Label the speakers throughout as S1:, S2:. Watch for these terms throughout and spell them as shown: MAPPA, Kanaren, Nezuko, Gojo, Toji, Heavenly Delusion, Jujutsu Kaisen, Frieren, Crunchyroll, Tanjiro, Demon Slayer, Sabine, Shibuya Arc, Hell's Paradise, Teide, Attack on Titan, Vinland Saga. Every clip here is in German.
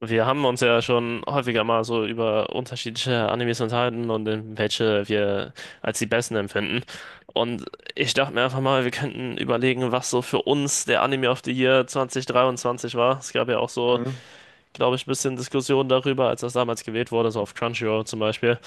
S1: Wir haben uns ja schon häufiger mal so über unterschiedliche Animes unterhalten und in welche wir als die besten empfinden. Und ich dachte mir einfach mal, wir könnten überlegen, was so für uns der Anime of the Year 2023 war. Es gab ja auch so,
S2: Mhm.
S1: glaube ich, ein bisschen Diskussionen darüber, als das damals gewählt wurde, so auf Crunchyroll zum Beispiel.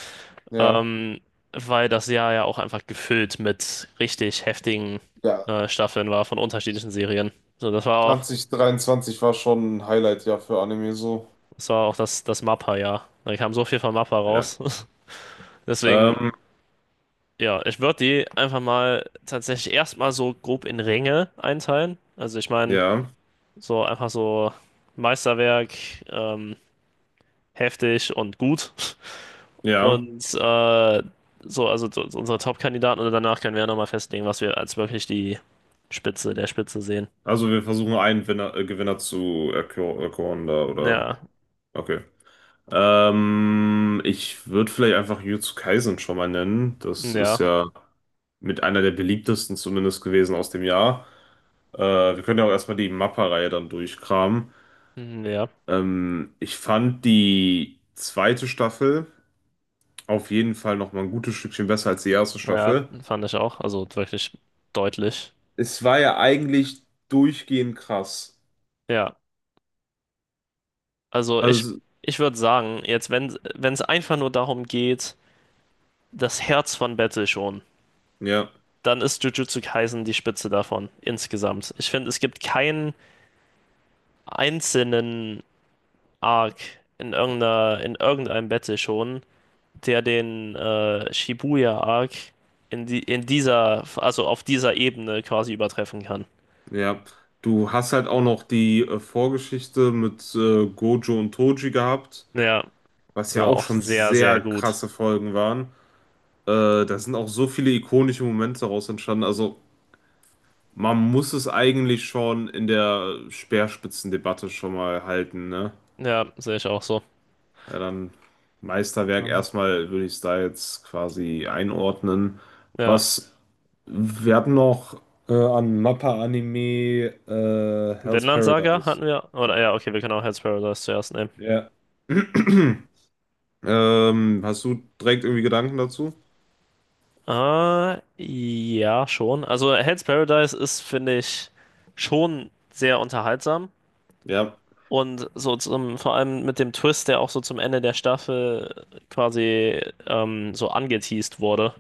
S2: Ja,
S1: Ähm, Weil das Jahr ja auch einfach gefüllt mit richtig heftigen
S2: ja.
S1: Staffeln war von unterschiedlichen Serien. So,
S2: 2023 war schon ein Highlight-Jahr für Anime so.
S1: das war auch das, MAPPA-Jahr. Da kam so viel von MAPPA
S2: Ja.
S1: raus. Deswegen,
S2: Ähm,
S1: ja, ich würde die einfach mal tatsächlich erstmal so grob in Ränge einteilen. Also ich meine,
S2: ja,
S1: so einfach so Meisterwerk, ähm, heftig und gut.
S2: ja.
S1: Und also so unsere Top-Kandidaten und danach können wir ja nochmal festlegen, was wir als wirklich die Spitze der Spitze sehen.
S2: Also wir versuchen einen Winner, Gewinner zu erkoren da, oder?
S1: Ja,
S2: Okay. Ich würde vielleicht einfach Jujutsu Kaisen schon mal nennen. Das ist
S1: ja,
S2: ja mit einer der beliebtesten zumindest gewesen aus dem Jahr. Wir können ja auch erstmal die Mappa-Reihe dann durchkramen.
S1: ja,
S2: Ich fand die zweite Staffel auf jeden Fall nochmal ein gutes Stückchen besser als die erste
S1: ja,
S2: Staffel.
S1: fand ich auch. Also wirklich deutlich.
S2: Es war ja eigentlich durchgehend krass.
S1: Ja, also ich,
S2: Also,
S1: ich würde sagen, jetzt, wenn es einfach nur darum geht, das Herz von Battle schon,
S2: ja,
S1: dann ist Jujutsu Kaisen die Spitze davon, insgesamt. Ich finde, es gibt keinen einzelnen Arc in irgendeinem Battle schon, der den Shibuya Arc in dieser, also auf dieser Ebene quasi übertreffen kann.
S2: ja. Du hast halt auch noch die Vorgeschichte mit Gojo und Toji gehabt,
S1: Ja,
S2: was
S1: die
S2: ja
S1: war
S2: auch
S1: auch
S2: schon
S1: sehr, sehr
S2: sehr
S1: gut.
S2: krasse Folgen waren. Da sind auch so viele ikonische Momente daraus entstanden. Also, man muss es eigentlich schon in der Speerspitzendebatte schon mal halten, ne?
S1: Ja, sehe ich auch so.
S2: Ja, dann Meisterwerk
S1: Ähm,
S2: erstmal würde ich es da jetzt quasi einordnen.
S1: Ja,
S2: Was wir hatten noch an Mappa-Anime Hell's
S1: Vinland Saga hatten
S2: Paradise.
S1: wir, oder ja, okay, wir können auch Hell's Paradise zuerst nehmen.
S2: Ja. Hast du direkt irgendwie Gedanken dazu?
S1: Ja, schon. Also Hell's Paradise ist, finde ich, schon sehr unterhaltsam.
S2: Ja.
S1: Und so vor allem mit dem Twist, der auch so zum Ende der Staffel quasi so angeteased wurde,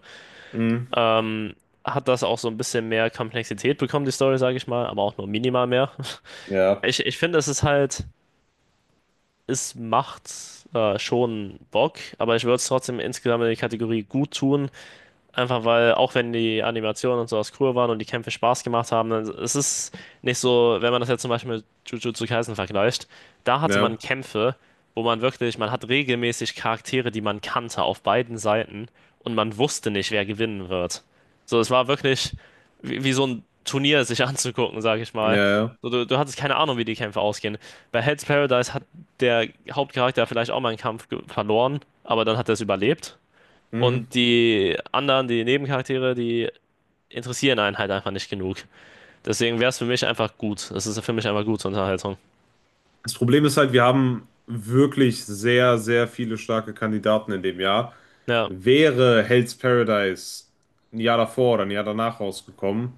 S2: Mhm.
S1: ähm, hat das auch so ein bisschen mehr Komplexität bekommen, die Story, sage ich mal, aber auch nur minimal mehr.
S2: Ja.
S1: Ich finde, es ist halt, es macht schon Bock, aber ich würde es trotzdem insgesamt in die Kategorie gut tun, einfach weil, auch wenn die Animationen und sowas cool waren und die Kämpfe Spaß gemacht haben, dann, es ist nicht so, wenn man das jetzt zum Beispiel mit Jujutsu Kaisen vergleicht, da hatte man
S2: Ja.
S1: Kämpfe, wo man wirklich, man hat regelmäßig Charaktere, die man kannte auf beiden Seiten und man wusste nicht, wer gewinnen wird. So, es war wirklich wie so ein Turnier sich anzugucken, sag ich
S2: Ja.
S1: mal.
S2: Ja.
S1: So, du hattest keine Ahnung, wie die Kämpfe ausgehen. Bei Hell's Paradise hat der Hauptcharakter vielleicht auch mal einen Kampf verloren, aber dann hat er es überlebt.
S2: Mhm.
S1: Und die anderen, die Nebencharaktere, die interessieren einen halt einfach nicht genug. Deswegen wäre es für mich einfach gut. Es ist für mich einfach gute Unterhaltung.
S2: Das Problem ist halt, wir haben wirklich sehr, sehr viele starke Kandidaten in dem Jahr.
S1: Ja,
S2: Wäre Hell's Paradise ein Jahr davor oder ein Jahr danach rausgekommen,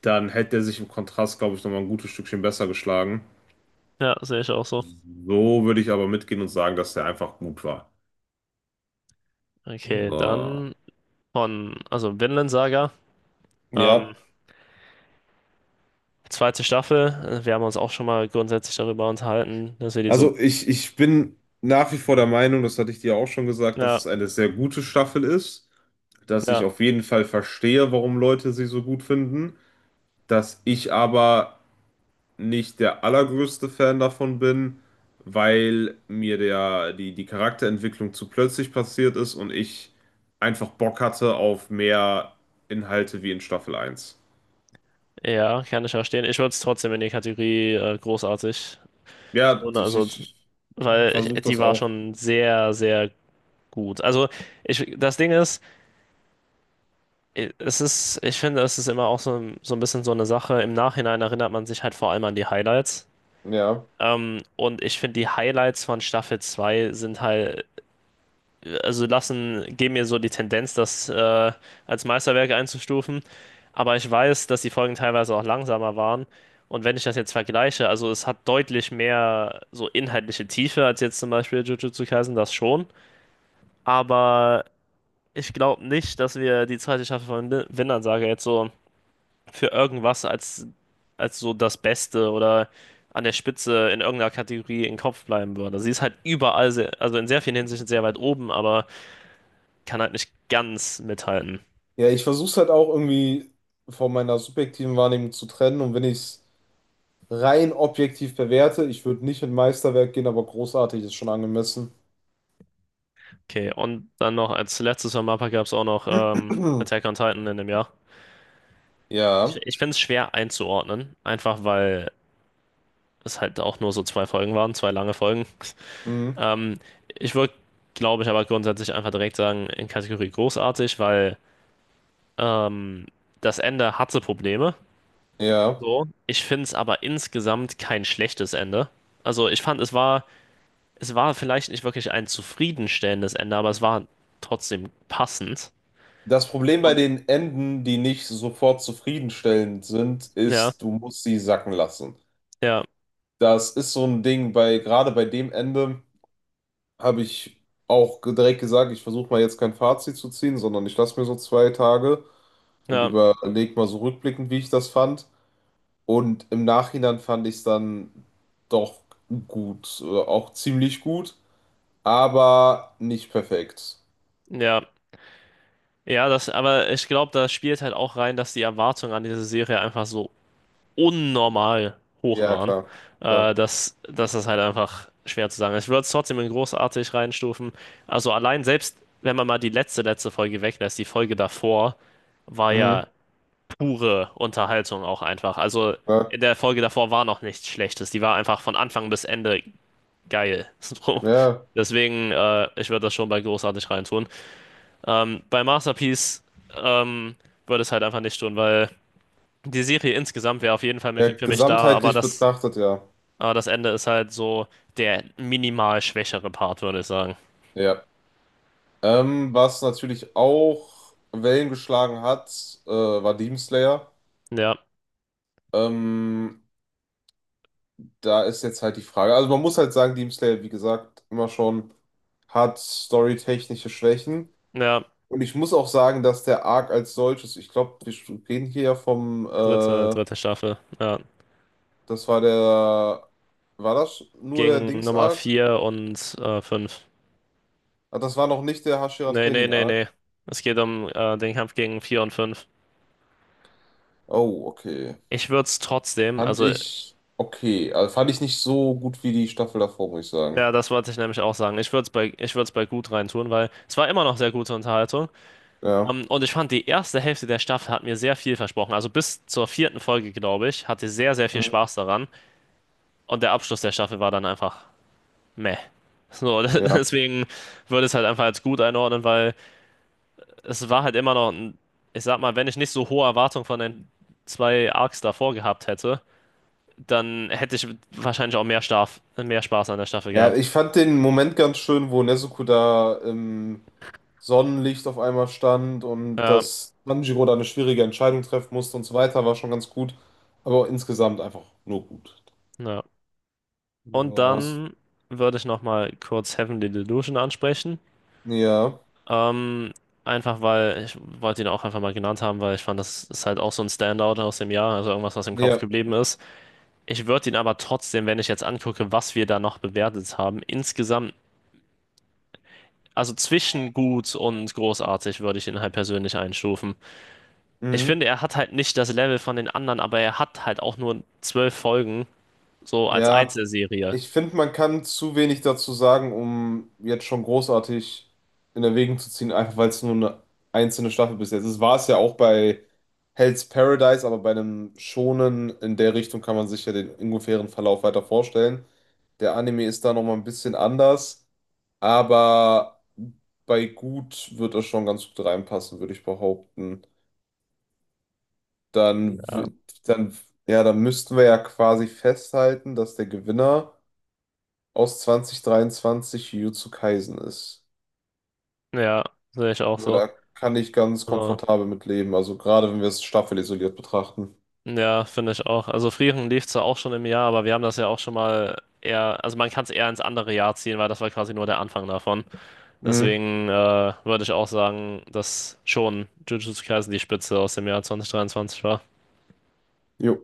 S2: dann hätte er sich im Kontrast, glaube ich, nochmal ein gutes Stückchen besser geschlagen.
S1: ja, sehe ich auch so.
S2: So würde ich aber mitgehen und sagen, dass der einfach gut war.
S1: Okay,
S2: So.
S1: dann also Vinland Saga,
S2: Ja,
S1: ähm, zweite Staffel. Wir haben uns auch schon mal grundsätzlich darüber unterhalten, dass wir die so.
S2: also ich bin nach wie vor der Meinung, das hatte ich dir auch schon gesagt, dass es
S1: Ja,
S2: eine sehr gute Staffel ist, dass ich
S1: ja,
S2: auf jeden Fall verstehe, warum Leute sie so gut finden, dass ich aber nicht der allergrößte Fan davon bin, weil mir die Charakterentwicklung zu plötzlich passiert ist und ich einfach Bock hatte auf mehr Inhalte wie in Staffel eins.
S1: ja, kann ich verstehen. Ich würde es trotzdem in die Kategorie großartig
S2: Ja,
S1: tun,
S2: ich,
S1: also,
S2: ich
S1: weil
S2: versuche
S1: die
S2: das
S1: war
S2: auch.
S1: schon sehr, sehr gut. Also, das Ding ist, ich finde, es ist immer auch so, so ein bisschen so eine Sache. Im Nachhinein erinnert man sich halt vor allem an die Highlights.
S2: Ja.
S1: Und ich finde, die Highlights von Staffel 2 sind halt, also geben mir so die Tendenz, das als Meisterwerk einzustufen. Aber ich weiß, dass die Folgen teilweise auch langsamer waren. Und wenn ich das jetzt vergleiche, also es hat deutlich mehr so inhaltliche Tiefe als jetzt zum Beispiel Jujutsu Kaisen, das schon. Aber ich glaube nicht, dass wir die zweite Staffel von Vinland Saga jetzt so für irgendwas als, so das Beste oder an der Spitze in irgendeiner Kategorie im Kopf bleiben würde. Sie ist halt überall, sehr, also in sehr vielen Hinsichten sehr weit oben, aber kann halt nicht ganz mithalten.
S2: Ja, ich versuche es halt auch irgendwie von meiner subjektiven Wahrnehmung zu trennen und wenn ich es rein objektiv bewerte, ich würde nicht in Meisterwerk gehen, aber großartig ist schon angemessen.
S1: Okay, und dann noch als letztes von Mappa gab es auch noch Attack on Titan in dem Jahr. Ich,
S2: Ja.
S1: ich finde es schwer einzuordnen, einfach weil es halt auch nur so zwei Folgen waren, zwei lange Folgen.
S2: Mhm.
S1: Ähm, Ich würde, glaube ich, aber grundsätzlich einfach direkt sagen, in Kategorie großartig, weil ähm, das Ende hatte Probleme.
S2: Ja.
S1: So. Ich finde es aber insgesamt kein schlechtes Ende. Also ich fand, es war vielleicht nicht wirklich ein zufriedenstellendes Ende, aber es war trotzdem passend.
S2: Das Problem bei
S1: Und
S2: den Enden, die nicht sofort zufriedenstellend sind,
S1: ja,
S2: ist, du musst sie sacken lassen.
S1: ja,
S2: Das ist so ein Ding bei, gerade bei dem Ende habe ich auch direkt gesagt, ich versuche mal jetzt kein Fazit zu ziehen, sondern ich lasse mir so zwei Tage und
S1: ja,
S2: überlege mal so rückblickend, wie ich das fand. Und im Nachhinein fand ich es dann doch gut, auch ziemlich gut, aber nicht perfekt.
S1: ja. Ja, aber ich glaube, da spielt halt auch rein, dass die Erwartungen an diese Serie einfach so unnormal hoch
S2: Ja,
S1: waren,
S2: klar.
S1: dass, das halt einfach schwer zu sagen ist. Ich würde es trotzdem in großartig reinstufen. Also allein selbst, wenn man mal die letzte Folge weglässt, die Folge davor war
S2: Mhm,
S1: ja pure Unterhaltung auch einfach. Also
S2: klar.
S1: in der Folge davor war noch nichts Schlechtes. Die war einfach von Anfang bis Ende geil. So.
S2: Ja.
S1: Deswegen, ich würde das schon bei großartig reintun. Bei Masterpiece ähm, würde es halt einfach nicht tun, weil die Serie insgesamt wäre auf jeden Fall
S2: Ja,
S1: für mich da, aber
S2: gesamtheitlich betrachtet, ja.
S1: aber das Ende ist halt so der minimal schwächere Part, würde ich sagen.
S2: Ja. Was natürlich auch Wellen geschlagen hat, war Demon Slayer.
S1: Ja,
S2: Ähm, da ist jetzt halt die Frage. Also man muss halt sagen, Demon Slayer, wie gesagt, immer schon hat storytechnische Schwächen.
S1: ja,
S2: Und ich muss auch sagen, dass der Arc als solches, ich glaube, wir reden hier ja
S1: dritte, dritte Staffel. Ja.
S2: das war der, war das nur der
S1: Gegen Nummer
S2: Dings-Arc?
S1: 4 und 5.
S2: Ah, das war noch nicht der Hashira
S1: Nee, nee, nee,
S2: Training-Arc.
S1: nee. Es geht um den Kampf gegen 4 und 5.
S2: Oh, okay.
S1: Ich würde es trotzdem,
S2: Fand
S1: also
S2: ich okay. Also fand ich nicht so gut wie die Staffel davor, muss ich
S1: ja,
S2: sagen.
S1: das wollte ich nämlich auch sagen. Ich würde es bei gut reintun, weil es war immer noch sehr gute Unterhaltung.
S2: Ja.
S1: Und ich fand, die erste Hälfte der Staffel hat mir sehr viel versprochen. Also bis zur vierten Folge, glaube ich, hatte ich sehr, sehr viel
S2: Mhm.
S1: Spaß daran. Und der Abschluss der Staffel war dann einfach meh. So,
S2: Ja.
S1: deswegen würde ich es halt einfach als gut einordnen, weil es war halt immer noch, ich sag mal, wenn ich nicht so hohe Erwartungen von den zwei Arcs davor gehabt hätte, dann hätte ich wahrscheinlich auch mehr Spaß an der Staffel
S2: Ja,
S1: gehabt.
S2: ich fand den Moment ganz schön, wo Nezuko da im Sonnenlicht auf einmal stand und
S1: Ja,
S2: dass Tanjiro da eine schwierige Entscheidung treffen musste und so weiter, war schon ganz gut. Aber insgesamt einfach nur gut.
S1: ja. Und
S2: Ja, hast,
S1: dann würde ich nochmal kurz Heavenly Delusion ansprechen.
S2: ja,
S1: Ähm, einfach weil ich wollte ihn auch einfach mal genannt haben, weil ich fand, das ist halt auch so ein Standout aus dem Jahr, also irgendwas, was im Kopf
S2: ja.
S1: geblieben ist. Ich würde ihn aber trotzdem, wenn ich jetzt angucke, was wir da noch bewertet haben, insgesamt, also zwischen gut und großartig würde ich ihn halt persönlich einstufen. Ich
S2: Mhm.
S1: finde, er hat halt nicht das Level von den anderen, aber er hat halt auch nur 12 Folgen, so als
S2: Ja,
S1: Einzelserie.
S2: ich finde, man kann zu wenig dazu sagen, um jetzt schon großartig in Erwägung zu ziehen, einfach weil es nur eine einzelne Staffel bis jetzt ist. War es ja auch bei Hell's Paradise, aber bei einem Shonen in der Richtung kann man sich ja den ungefähren Verlauf weiter vorstellen. Der Anime ist da nochmal ein bisschen anders, aber bei gut wird es schon ganz gut reinpassen, würde ich behaupten. Dann,
S1: Ja,
S2: w- dann, ja, dann müssten wir ja quasi festhalten, dass der Gewinner aus 2023 Jujutsu Kaisen ist.
S1: ja, sehe ich auch
S2: Aber
S1: so.
S2: da kann ich ganz
S1: Also,
S2: komfortabel mit leben, also gerade wenn wir es staffelisoliert betrachten.
S1: ja, finde ich auch. Also Frieren lief zwar auch schon im Jahr, aber wir haben das ja auch schon mal eher, also man kann es eher ins andere Jahr ziehen, weil das war quasi nur der Anfang davon.
S2: Mhm.
S1: Deswegen würde ich auch sagen, dass schon Jujutsu Kaisen die Spitze aus dem Jahr 2023 war.
S2: Jo.